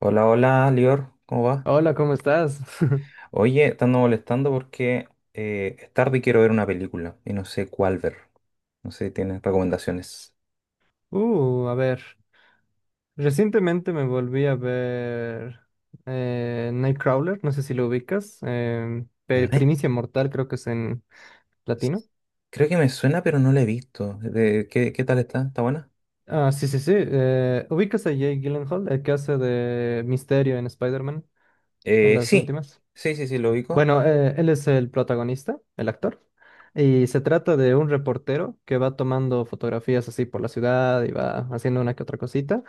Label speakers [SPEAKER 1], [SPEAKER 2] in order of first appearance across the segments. [SPEAKER 1] Hola, hola, Lior, ¿cómo va?
[SPEAKER 2] Hola, ¿cómo estás?
[SPEAKER 1] Oye, te ando molestando porque es tarde y quiero ver una película y no sé cuál ver. No sé si tienes recomendaciones.
[SPEAKER 2] A ver. Recientemente me volví a ver Nightcrawler, no sé si lo ubicas.
[SPEAKER 1] Night-
[SPEAKER 2] Primicia Mortal, creo que es en latino.
[SPEAKER 1] Creo que me suena, pero no la he visto. ¿Qué tal está? ¿Está buena?
[SPEAKER 2] Ah, sí, sí, sí. ¿ ¿ubicas a Jake Gyllenhaal, el que hace de Misterio en Spider-Man, en
[SPEAKER 1] Eh,
[SPEAKER 2] las
[SPEAKER 1] sí,
[SPEAKER 2] últimas?
[SPEAKER 1] sí, sí, sí, lo ubico.
[SPEAKER 2] Bueno, él es el protagonista, el actor, y se trata de un reportero que va tomando fotografías así por la ciudad y va haciendo una que otra cosita.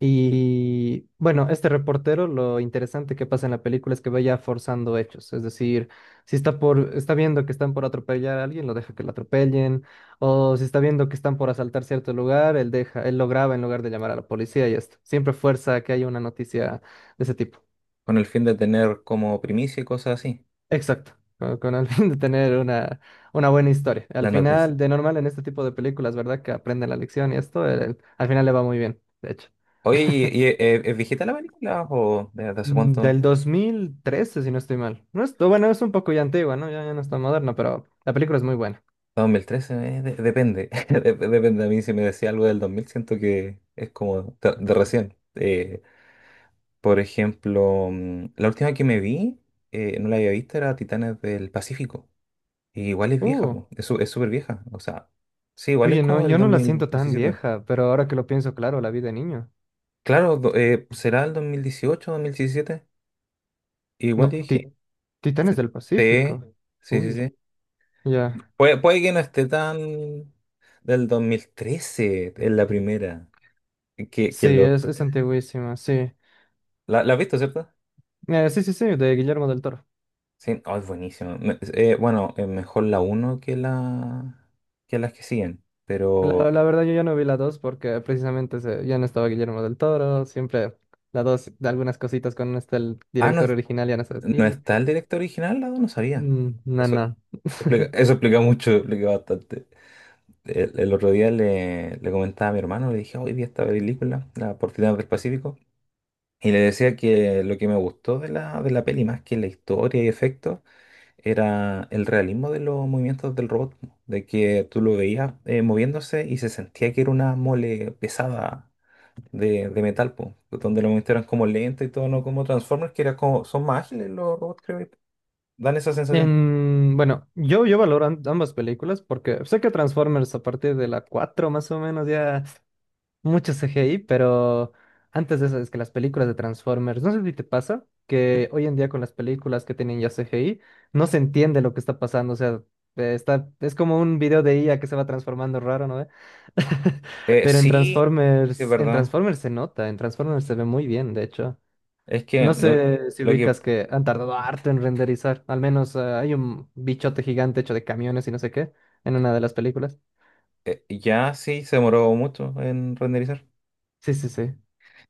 [SPEAKER 2] Y bueno, este reportero, lo interesante que pasa en la película es que vaya forzando hechos, es decir, si está viendo que están por atropellar a alguien, lo deja que lo atropellen, o si está viendo que están por asaltar cierto lugar, él lo graba en lugar de llamar a la policía y esto. Siempre fuerza que haya una noticia de ese tipo.
[SPEAKER 1] Con el fin de tener como primicia y cosas así.
[SPEAKER 2] Exacto, con el fin de tener una buena historia. Al
[SPEAKER 1] La noticia.
[SPEAKER 2] final, de normal en este tipo de películas, ¿verdad? Que aprenden la lección y esto, al final le va muy bien, de hecho.
[SPEAKER 1] Oye, ¿es viejita la película o de hace
[SPEAKER 2] Del
[SPEAKER 1] cuánto?
[SPEAKER 2] 2013 si no estoy mal. No es, bueno, es un poco ya antigua, ¿no? Ya no está moderna, pero la película es muy buena.
[SPEAKER 1] 2013, depende. Depende. A mí, si me decía algo del 2000, siento que es como de, recién. Por ejemplo, la última que me vi, no la había visto, era Titanes del Pacífico. Y igual es vieja,
[SPEAKER 2] Uh,
[SPEAKER 1] po. Es súper vieja. O sea, sí, igual es
[SPEAKER 2] oye, no,
[SPEAKER 1] como del
[SPEAKER 2] yo no la siento tan
[SPEAKER 1] 2017.
[SPEAKER 2] vieja, pero ahora que lo pienso, claro, la vi de niño.
[SPEAKER 1] Claro, será el 2018, 2017. Igual
[SPEAKER 2] No,
[SPEAKER 1] dije,
[SPEAKER 2] Ti-
[SPEAKER 1] sí,
[SPEAKER 2] Titanes del Pacífico.
[SPEAKER 1] sí, sí, sí,
[SPEAKER 2] Uy,
[SPEAKER 1] sí.
[SPEAKER 2] ya.
[SPEAKER 1] Puede que no esté tan... del 2013 es la primera. Que
[SPEAKER 2] Sí,
[SPEAKER 1] lo...
[SPEAKER 2] es antiguísima, sí.
[SPEAKER 1] La has visto, ¿cierto?
[SPEAKER 2] Sí, sí, sí, de Guillermo del Toro.
[SPEAKER 1] Sí, oh, es buenísimo. Bueno, es mejor la uno que la que las que siguen. Pero...
[SPEAKER 2] La verdad yo ya no vi la 2 porque precisamente ya no estaba Guillermo del Toro, siempre la 2 de algunas cositas con este el
[SPEAKER 1] Ah, no,
[SPEAKER 2] director original ya no es
[SPEAKER 1] no
[SPEAKER 2] así.
[SPEAKER 1] está el director original, no, no sabía.
[SPEAKER 2] Mm, no,
[SPEAKER 1] Eso,
[SPEAKER 2] no.
[SPEAKER 1] eso explica mucho, explica bastante. El otro día le comentaba a mi hermano, le dije, hoy vi esta película, La Portina del Pacífico. Y le decía que lo que me gustó de la peli, más que la historia y efectos, era el realismo de los movimientos del robot, po, de que tú lo veías moviéndose y se sentía que era una mole pesada de metal, po, donde los movimientos eran como lentos y todo, no como Transformers, que era como, son más ágiles los robots, creo, y dan esa sensación.
[SPEAKER 2] Bueno, yo valoro ambas películas porque sé que Transformers a partir de la 4 más o menos ya mucho CGI, pero antes de eso es que las películas de Transformers, no sé si te pasa, que hoy en día con las películas que tienen ya CGI, no se entiende lo que está pasando, o sea, es como un video de IA que se va transformando raro, ¿no? ¿ve?
[SPEAKER 1] Eh,
[SPEAKER 2] Pero
[SPEAKER 1] sí, sí, sí, es
[SPEAKER 2] En
[SPEAKER 1] verdad.
[SPEAKER 2] Transformers se nota, en Transformers se ve muy bien, de hecho.
[SPEAKER 1] Es que
[SPEAKER 2] No
[SPEAKER 1] lo,
[SPEAKER 2] sé si
[SPEAKER 1] lo que
[SPEAKER 2] ubicas que han tardado harto en renderizar, al menos hay un bichote gigante hecho de camiones y no sé qué en una de las películas.
[SPEAKER 1] ya sí se demoró mucho en renderizar.
[SPEAKER 2] Sí, sí, sí.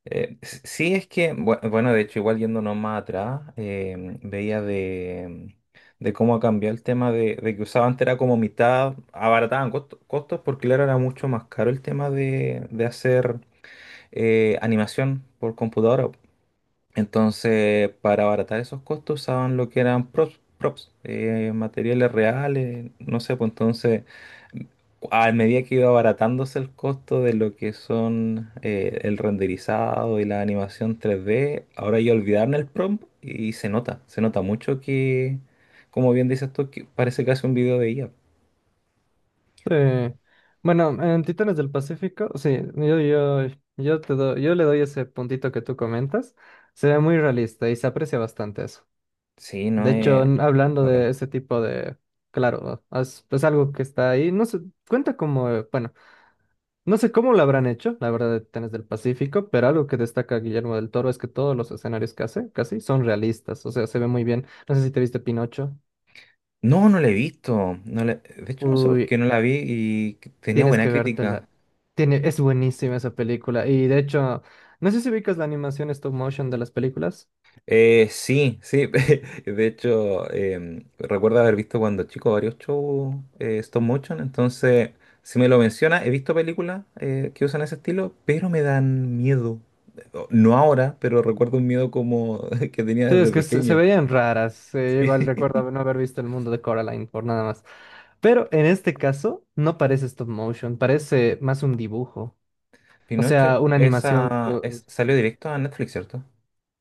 [SPEAKER 1] Sí, es que... bueno, de hecho, igual yéndonos más atrás, veía de cómo ha cambiado el tema de que usaban antes era como mitad, abarataban costos porque claro, era mucho más caro el tema de hacer animación por computadora. Entonces, para abaratar esos costos usaban lo que eran props, materiales reales, no sé, pues entonces, a medida que iba abaratándose el costo de lo que son el renderizado y la animación 3D, ahora ya olvidaron el prompt y se nota mucho que, como bien dices tú, que parece casi un video de IA.
[SPEAKER 2] Sí. Bueno, en Titanes del Pacífico, sí, yo le doy ese puntito que tú comentas. Se ve muy realista y se aprecia bastante eso.
[SPEAKER 1] Sí, no
[SPEAKER 2] De hecho,
[SPEAKER 1] es...
[SPEAKER 2] hablando de
[SPEAKER 1] bacán.
[SPEAKER 2] ese tipo de... Claro, es algo que está ahí. No sé, cuenta como... bueno, no sé cómo lo habrán hecho, la verdad, de Titanes del Pacífico, pero algo que destaca Guillermo del Toro es que todos los escenarios que hace, casi, son realistas. O sea, se ve muy bien. No sé si te viste Pinocho.
[SPEAKER 1] No, no la he visto. De hecho, no sé por
[SPEAKER 2] Uy,
[SPEAKER 1] qué no la vi y tenía
[SPEAKER 2] tienes
[SPEAKER 1] buena
[SPEAKER 2] que
[SPEAKER 1] crítica.
[SPEAKER 2] vértela. Tiene, es buenísima esa película. Y de hecho, no sé si ubicas la animación stop motion de las películas.
[SPEAKER 1] Sí, sí. De hecho, recuerdo haber visto cuando chico varios shows stop motion. Entonces, si me lo menciona, he visto películas que usan ese estilo, pero me dan miedo. No ahora, pero recuerdo un miedo como que tenía
[SPEAKER 2] Sí,
[SPEAKER 1] desde
[SPEAKER 2] es que se
[SPEAKER 1] pequeño.
[SPEAKER 2] veían raras. Igual
[SPEAKER 1] Sí.
[SPEAKER 2] recuerdo no haber visto el mundo de Coraline por nada más. Pero en este caso, no parece stop motion, parece más un dibujo. O
[SPEAKER 1] Pinocho,
[SPEAKER 2] sea, una animación.
[SPEAKER 1] salió directo a Netflix, ¿cierto?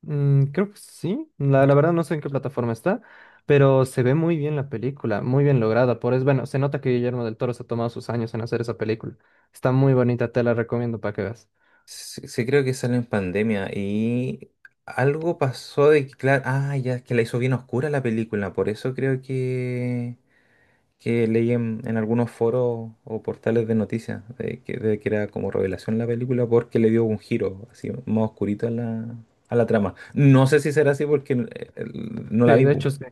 [SPEAKER 2] Creo que sí. La verdad no sé en qué plataforma está. Pero se ve muy bien la película, muy bien lograda. Por eso, bueno, se nota que Guillermo del Toro se ha tomado sus años en hacer esa película. Está muy bonita, te la recomiendo para que veas.
[SPEAKER 1] Sí, sí, creo que salió en pandemia y algo pasó de que, claro, ah, ya es que la hizo bien oscura la película, por eso creo que leí en algunos foros o portales de noticias de que, era como revelación la película porque le dio un giro así más oscurito a a la trama. No sé si será así porque no
[SPEAKER 2] Sí,
[SPEAKER 1] la vi,
[SPEAKER 2] de
[SPEAKER 1] pu.
[SPEAKER 2] hecho sí.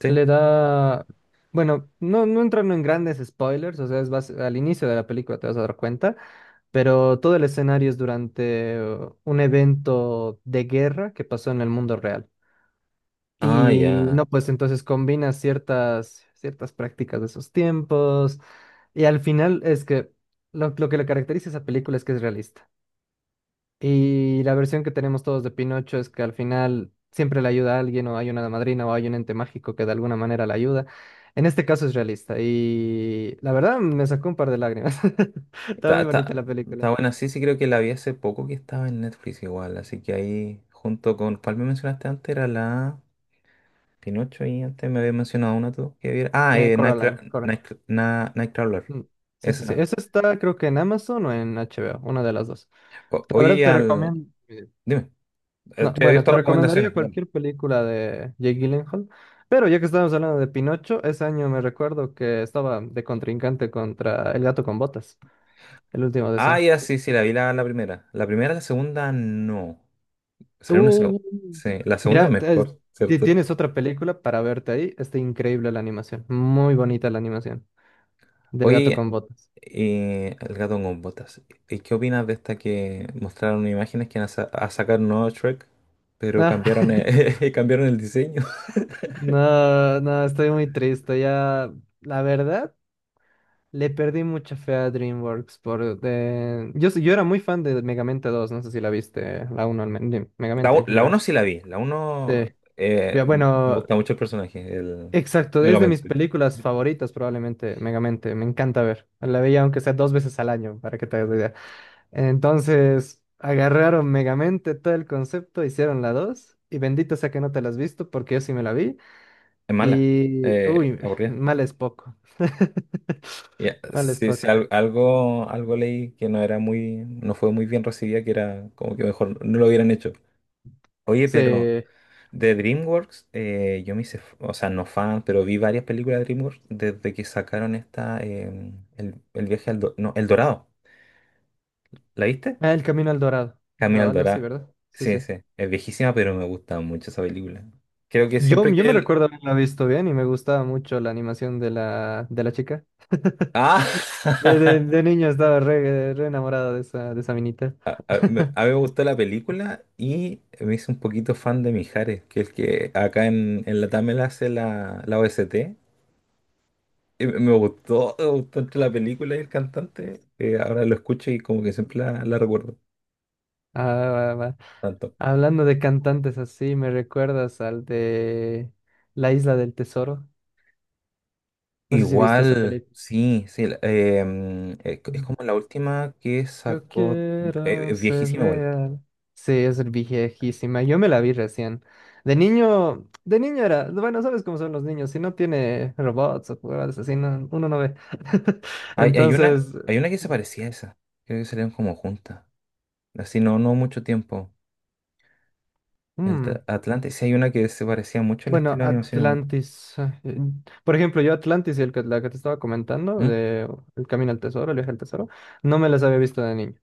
[SPEAKER 1] ¿Sí?
[SPEAKER 2] Le da, bueno, no, no entrando en grandes spoilers, o sea, es al inicio de la película te vas a dar cuenta, pero todo el escenario es durante un evento de guerra que pasó en el mundo real.
[SPEAKER 1] Ah,
[SPEAKER 2] Y
[SPEAKER 1] ya.
[SPEAKER 2] no, pues entonces combina ciertas prácticas de esos tiempos. Y al final es que lo que le caracteriza a esa película es que es realista. Y la versión que tenemos todos de Pinocho es que al final siempre le ayuda a alguien o hay una madrina o hay un ente mágico que de alguna manera le ayuda. En este caso es realista y la verdad me sacó un par de lágrimas. Está
[SPEAKER 1] Está,
[SPEAKER 2] muy bonita
[SPEAKER 1] está,
[SPEAKER 2] la
[SPEAKER 1] Está
[SPEAKER 2] película.
[SPEAKER 1] buena, sí, sí creo que la vi hace poco que estaba en Netflix igual, así que ahí junto con, ¿cuál me mencionaste antes? Era la Pinocho, y antes me había mencionado una tú que viera. Ah,
[SPEAKER 2] Coraline, Cora.
[SPEAKER 1] Nightcrawler.
[SPEAKER 2] Mm. Sí, sí, sí.
[SPEAKER 1] Esa.
[SPEAKER 2] Esa está creo que en Amazon o en HBO, una de las dos.
[SPEAKER 1] O-
[SPEAKER 2] La
[SPEAKER 1] oye,
[SPEAKER 2] verdad
[SPEAKER 1] y
[SPEAKER 2] te
[SPEAKER 1] al...
[SPEAKER 2] recomiendo...
[SPEAKER 1] Dime.
[SPEAKER 2] No,
[SPEAKER 1] Estoy
[SPEAKER 2] bueno,
[SPEAKER 1] abierto
[SPEAKER 2] te
[SPEAKER 1] a
[SPEAKER 2] recomendaría
[SPEAKER 1] recomendaciones. Dale.
[SPEAKER 2] cualquier película de Jake Gyllenhaal. Pero ya que estábamos hablando de Pinocho, ese año me recuerdo que estaba de contrincante contra El Gato con Botas. El último
[SPEAKER 1] Ah,
[SPEAKER 2] deseo.
[SPEAKER 1] ya, sí, sí, la vi la primera. La primera, la segunda, no. Salió una segunda.
[SPEAKER 2] Tú.
[SPEAKER 1] Sí, la segunda es
[SPEAKER 2] Mira,
[SPEAKER 1] mejor, ¿cierto?
[SPEAKER 2] tienes otra película para verte ahí. Está increíble la animación. Muy bonita la animación. Del gato
[SPEAKER 1] Oye,
[SPEAKER 2] con botas.
[SPEAKER 1] El gato con botas. ¿Y qué opinas de esta que mostraron imágenes que van a sacar un nuevo Shrek, pero
[SPEAKER 2] Ah,
[SPEAKER 1] cambiaron el, cambiaron el diseño?
[SPEAKER 2] no, no, estoy muy triste. Ya, la verdad, le perdí mucha fe a DreamWorks por... yo era muy fan de Megamente 2 no sé si la viste, la uno de
[SPEAKER 1] La,
[SPEAKER 2] Megamente
[SPEAKER 1] u-
[SPEAKER 2] en
[SPEAKER 1] la
[SPEAKER 2] general.
[SPEAKER 1] uno sí la vi. La uno,
[SPEAKER 2] Sí.
[SPEAKER 1] eh,
[SPEAKER 2] Ya,
[SPEAKER 1] me
[SPEAKER 2] bueno,
[SPEAKER 1] gusta mucho el personaje, el
[SPEAKER 2] exacto, es de mis
[SPEAKER 1] Megamente.
[SPEAKER 2] películas favoritas probablemente, Megamente, me encanta ver. La veía aunque sea dos veces al año, para que te hagas la idea. Entonces, agarraron Megamente todo el concepto, hicieron la dos, y bendito sea que no te la has visto, porque yo sí me la vi,
[SPEAKER 1] Es mala,
[SPEAKER 2] y... Uy,
[SPEAKER 1] aburrida.
[SPEAKER 2] mal es poco.
[SPEAKER 1] Ya,
[SPEAKER 2] Mal es
[SPEAKER 1] sí, sí,
[SPEAKER 2] poco.
[SPEAKER 1] algo leí que no fue muy bien recibida, que era como que mejor no lo hubieran hecho. Oye, pero
[SPEAKER 2] Sí.
[SPEAKER 1] de DreamWorks, yo me hice, o sea, no fan, pero vi varias películas de DreamWorks desde que sacaron esta, el viaje al, Do- no, El Dorado. ¿La viste?
[SPEAKER 2] Ah, El Camino al Dorado,
[SPEAKER 1] Camino
[SPEAKER 2] va,
[SPEAKER 1] al
[SPEAKER 2] algo así,
[SPEAKER 1] Dorado.
[SPEAKER 2] ¿verdad? Sí,
[SPEAKER 1] Sí,
[SPEAKER 2] sí.
[SPEAKER 1] sí, es viejísima, pero me gusta mucho esa película. Creo que
[SPEAKER 2] Yo,
[SPEAKER 1] siempre
[SPEAKER 2] yo
[SPEAKER 1] que
[SPEAKER 2] me
[SPEAKER 1] el...
[SPEAKER 2] recuerdo haberla visto bien y me gustaba mucho la animación de de la chica.
[SPEAKER 1] Ah.
[SPEAKER 2] De niño estaba re enamorado de de esa minita.
[SPEAKER 1] A, me- a mí me gustó la película y me hice un poquito fan de Mijares, que es el que acá en Latam él hace la OST. Y me gustó, me gustó entre la película y el cantante. Ahora lo escucho y como que siempre la recuerdo
[SPEAKER 2] Ah, va, va.
[SPEAKER 1] tanto.
[SPEAKER 2] Hablando de cantantes así, ¿me recuerdas al de La Isla del Tesoro? No sé si viste esa
[SPEAKER 1] Igual,
[SPEAKER 2] película.
[SPEAKER 1] sí, sí. Es
[SPEAKER 2] Mm.
[SPEAKER 1] como la última que
[SPEAKER 2] Yo
[SPEAKER 1] sacó,
[SPEAKER 2] quiero
[SPEAKER 1] es
[SPEAKER 2] ser
[SPEAKER 1] viejísima igual.
[SPEAKER 2] real. Sí, es viejísima. Yo me la vi recién. De niño era, bueno, sabes cómo son los niños, si no tiene robots o cosas así, uno no ve.
[SPEAKER 1] Hay una,
[SPEAKER 2] Entonces,
[SPEAKER 1] hay una que se parecía a esa. Creo que salieron como juntas. Así no, no mucho tiempo.
[SPEAKER 2] mm,
[SPEAKER 1] Atlantis, sí hay una que se parecía mucho al
[SPEAKER 2] bueno,
[SPEAKER 1] estilo de animación igual.
[SPEAKER 2] Atlantis. Por ejemplo, yo Atlantis, la que te estaba comentando,
[SPEAKER 1] ¿Mm?
[SPEAKER 2] de El Camino al Tesoro, El Viaje al Tesoro, no me las había visto de niño.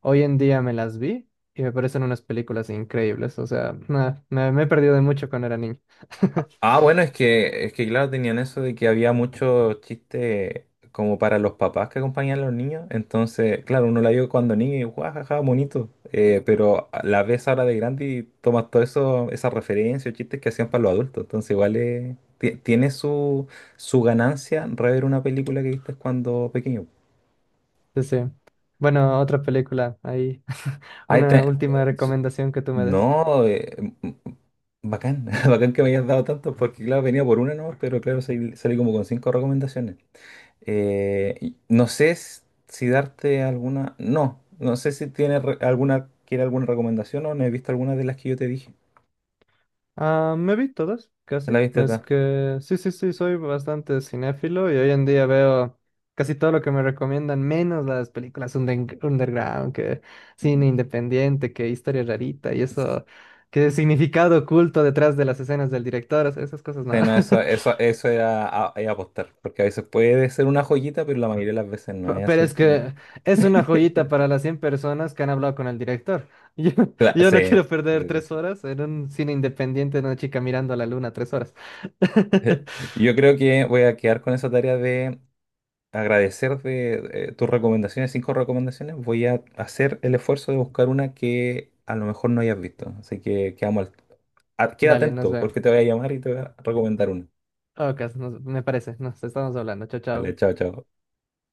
[SPEAKER 2] Hoy en día me las vi y me parecen unas películas increíbles. O sea, nah, me he perdido de mucho cuando era niño.
[SPEAKER 1] Ah, bueno, es que claro, tenían eso de que había mucho chiste como para los papás que acompañan a los niños. Entonces, claro, uno la vio cuando niño y guajaja, bonito. Pero la ves ahora de grande y tomas todo eso, esas referencias, chistes que hacían para los adultos. Entonces, igual tiene su ganancia rever una película que viste cuando pequeño.
[SPEAKER 2] Sí, sí. Bueno, otra película ahí.
[SPEAKER 1] Ahí
[SPEAKER 2] Una
[SPEAKER 1] te-
[SPEAKER 2] última recomendación que tú me des.
[SPEAKER 1] No, bacán, Bacán que me hayas dado tantos, porque claro, venía por una nomás, pero claro, salí como con cinco recomendaciones. Y no sé si darte alguna, no, no sé si tienes alguna, quiere alguna recomendación o no he visto alguna de las que yo te dije.
[SPEAKER 2] Ah, me vi todas,
[SPEAKER 1] ¿La
[SPEAKER 2] casi.
[SPEAKER 1] viste
[SPEAKER 2] Es
[SPEAKER 1] está?
[SPEAKER 2] que sí, sí, sí, soy bastante cinéfilo y hoy en día veo casi todo lo que me recomiendan, menos las películas underground, que cine independiente, que historia rarita y eso, que significado oculto detrás de las escenas del director, o sea, esas cosas
[SPEAKER 1] Sí,
[SPEAKER 2] nada.
[SPEAKER 1] no, eso, eso es apostar, porque a veces puede ser una joyita, pero la mayoría de las veces no es
[SPEAKER 2] Pero
[SPEAKER 1] así.
[SPEAKER 2] es que es una joyita para las 100 personas que han hablado con el director. Yo, yo no
[SPEAKER 1] Sí.
[SPEAKER 2] quiero perder
[SPEAKER 1] Sí,
[SPEAKER 2] tres
[SPEAKER 1] sí.
[SPEAKER 2] horas en un cine independiente de una chica mirando a la luna tres horas.
[SPEAKER 1] Yo creo que voy a quedar con esa tarea, agradecer de tus recomendaciones, cinco recomendaciones. Voy a hacer el esfuerzo de buscar una que a lo mejor no hayas visto. Así que quedamos queda
[SPEAKER 2] Dale, nos
[SPEAKER 1] atento
[SPEAKER 2] vemos.
[SPEAKER 1] porque te voy a llamar y te voy a recomendar una.
[SPEAKER 2] Ok, me parece. Nos estamos hablando. Chao,
[SPEAKER 1] Vale,
[SPEAKER 2] chao.
[SPEAKER 1] chao, chao.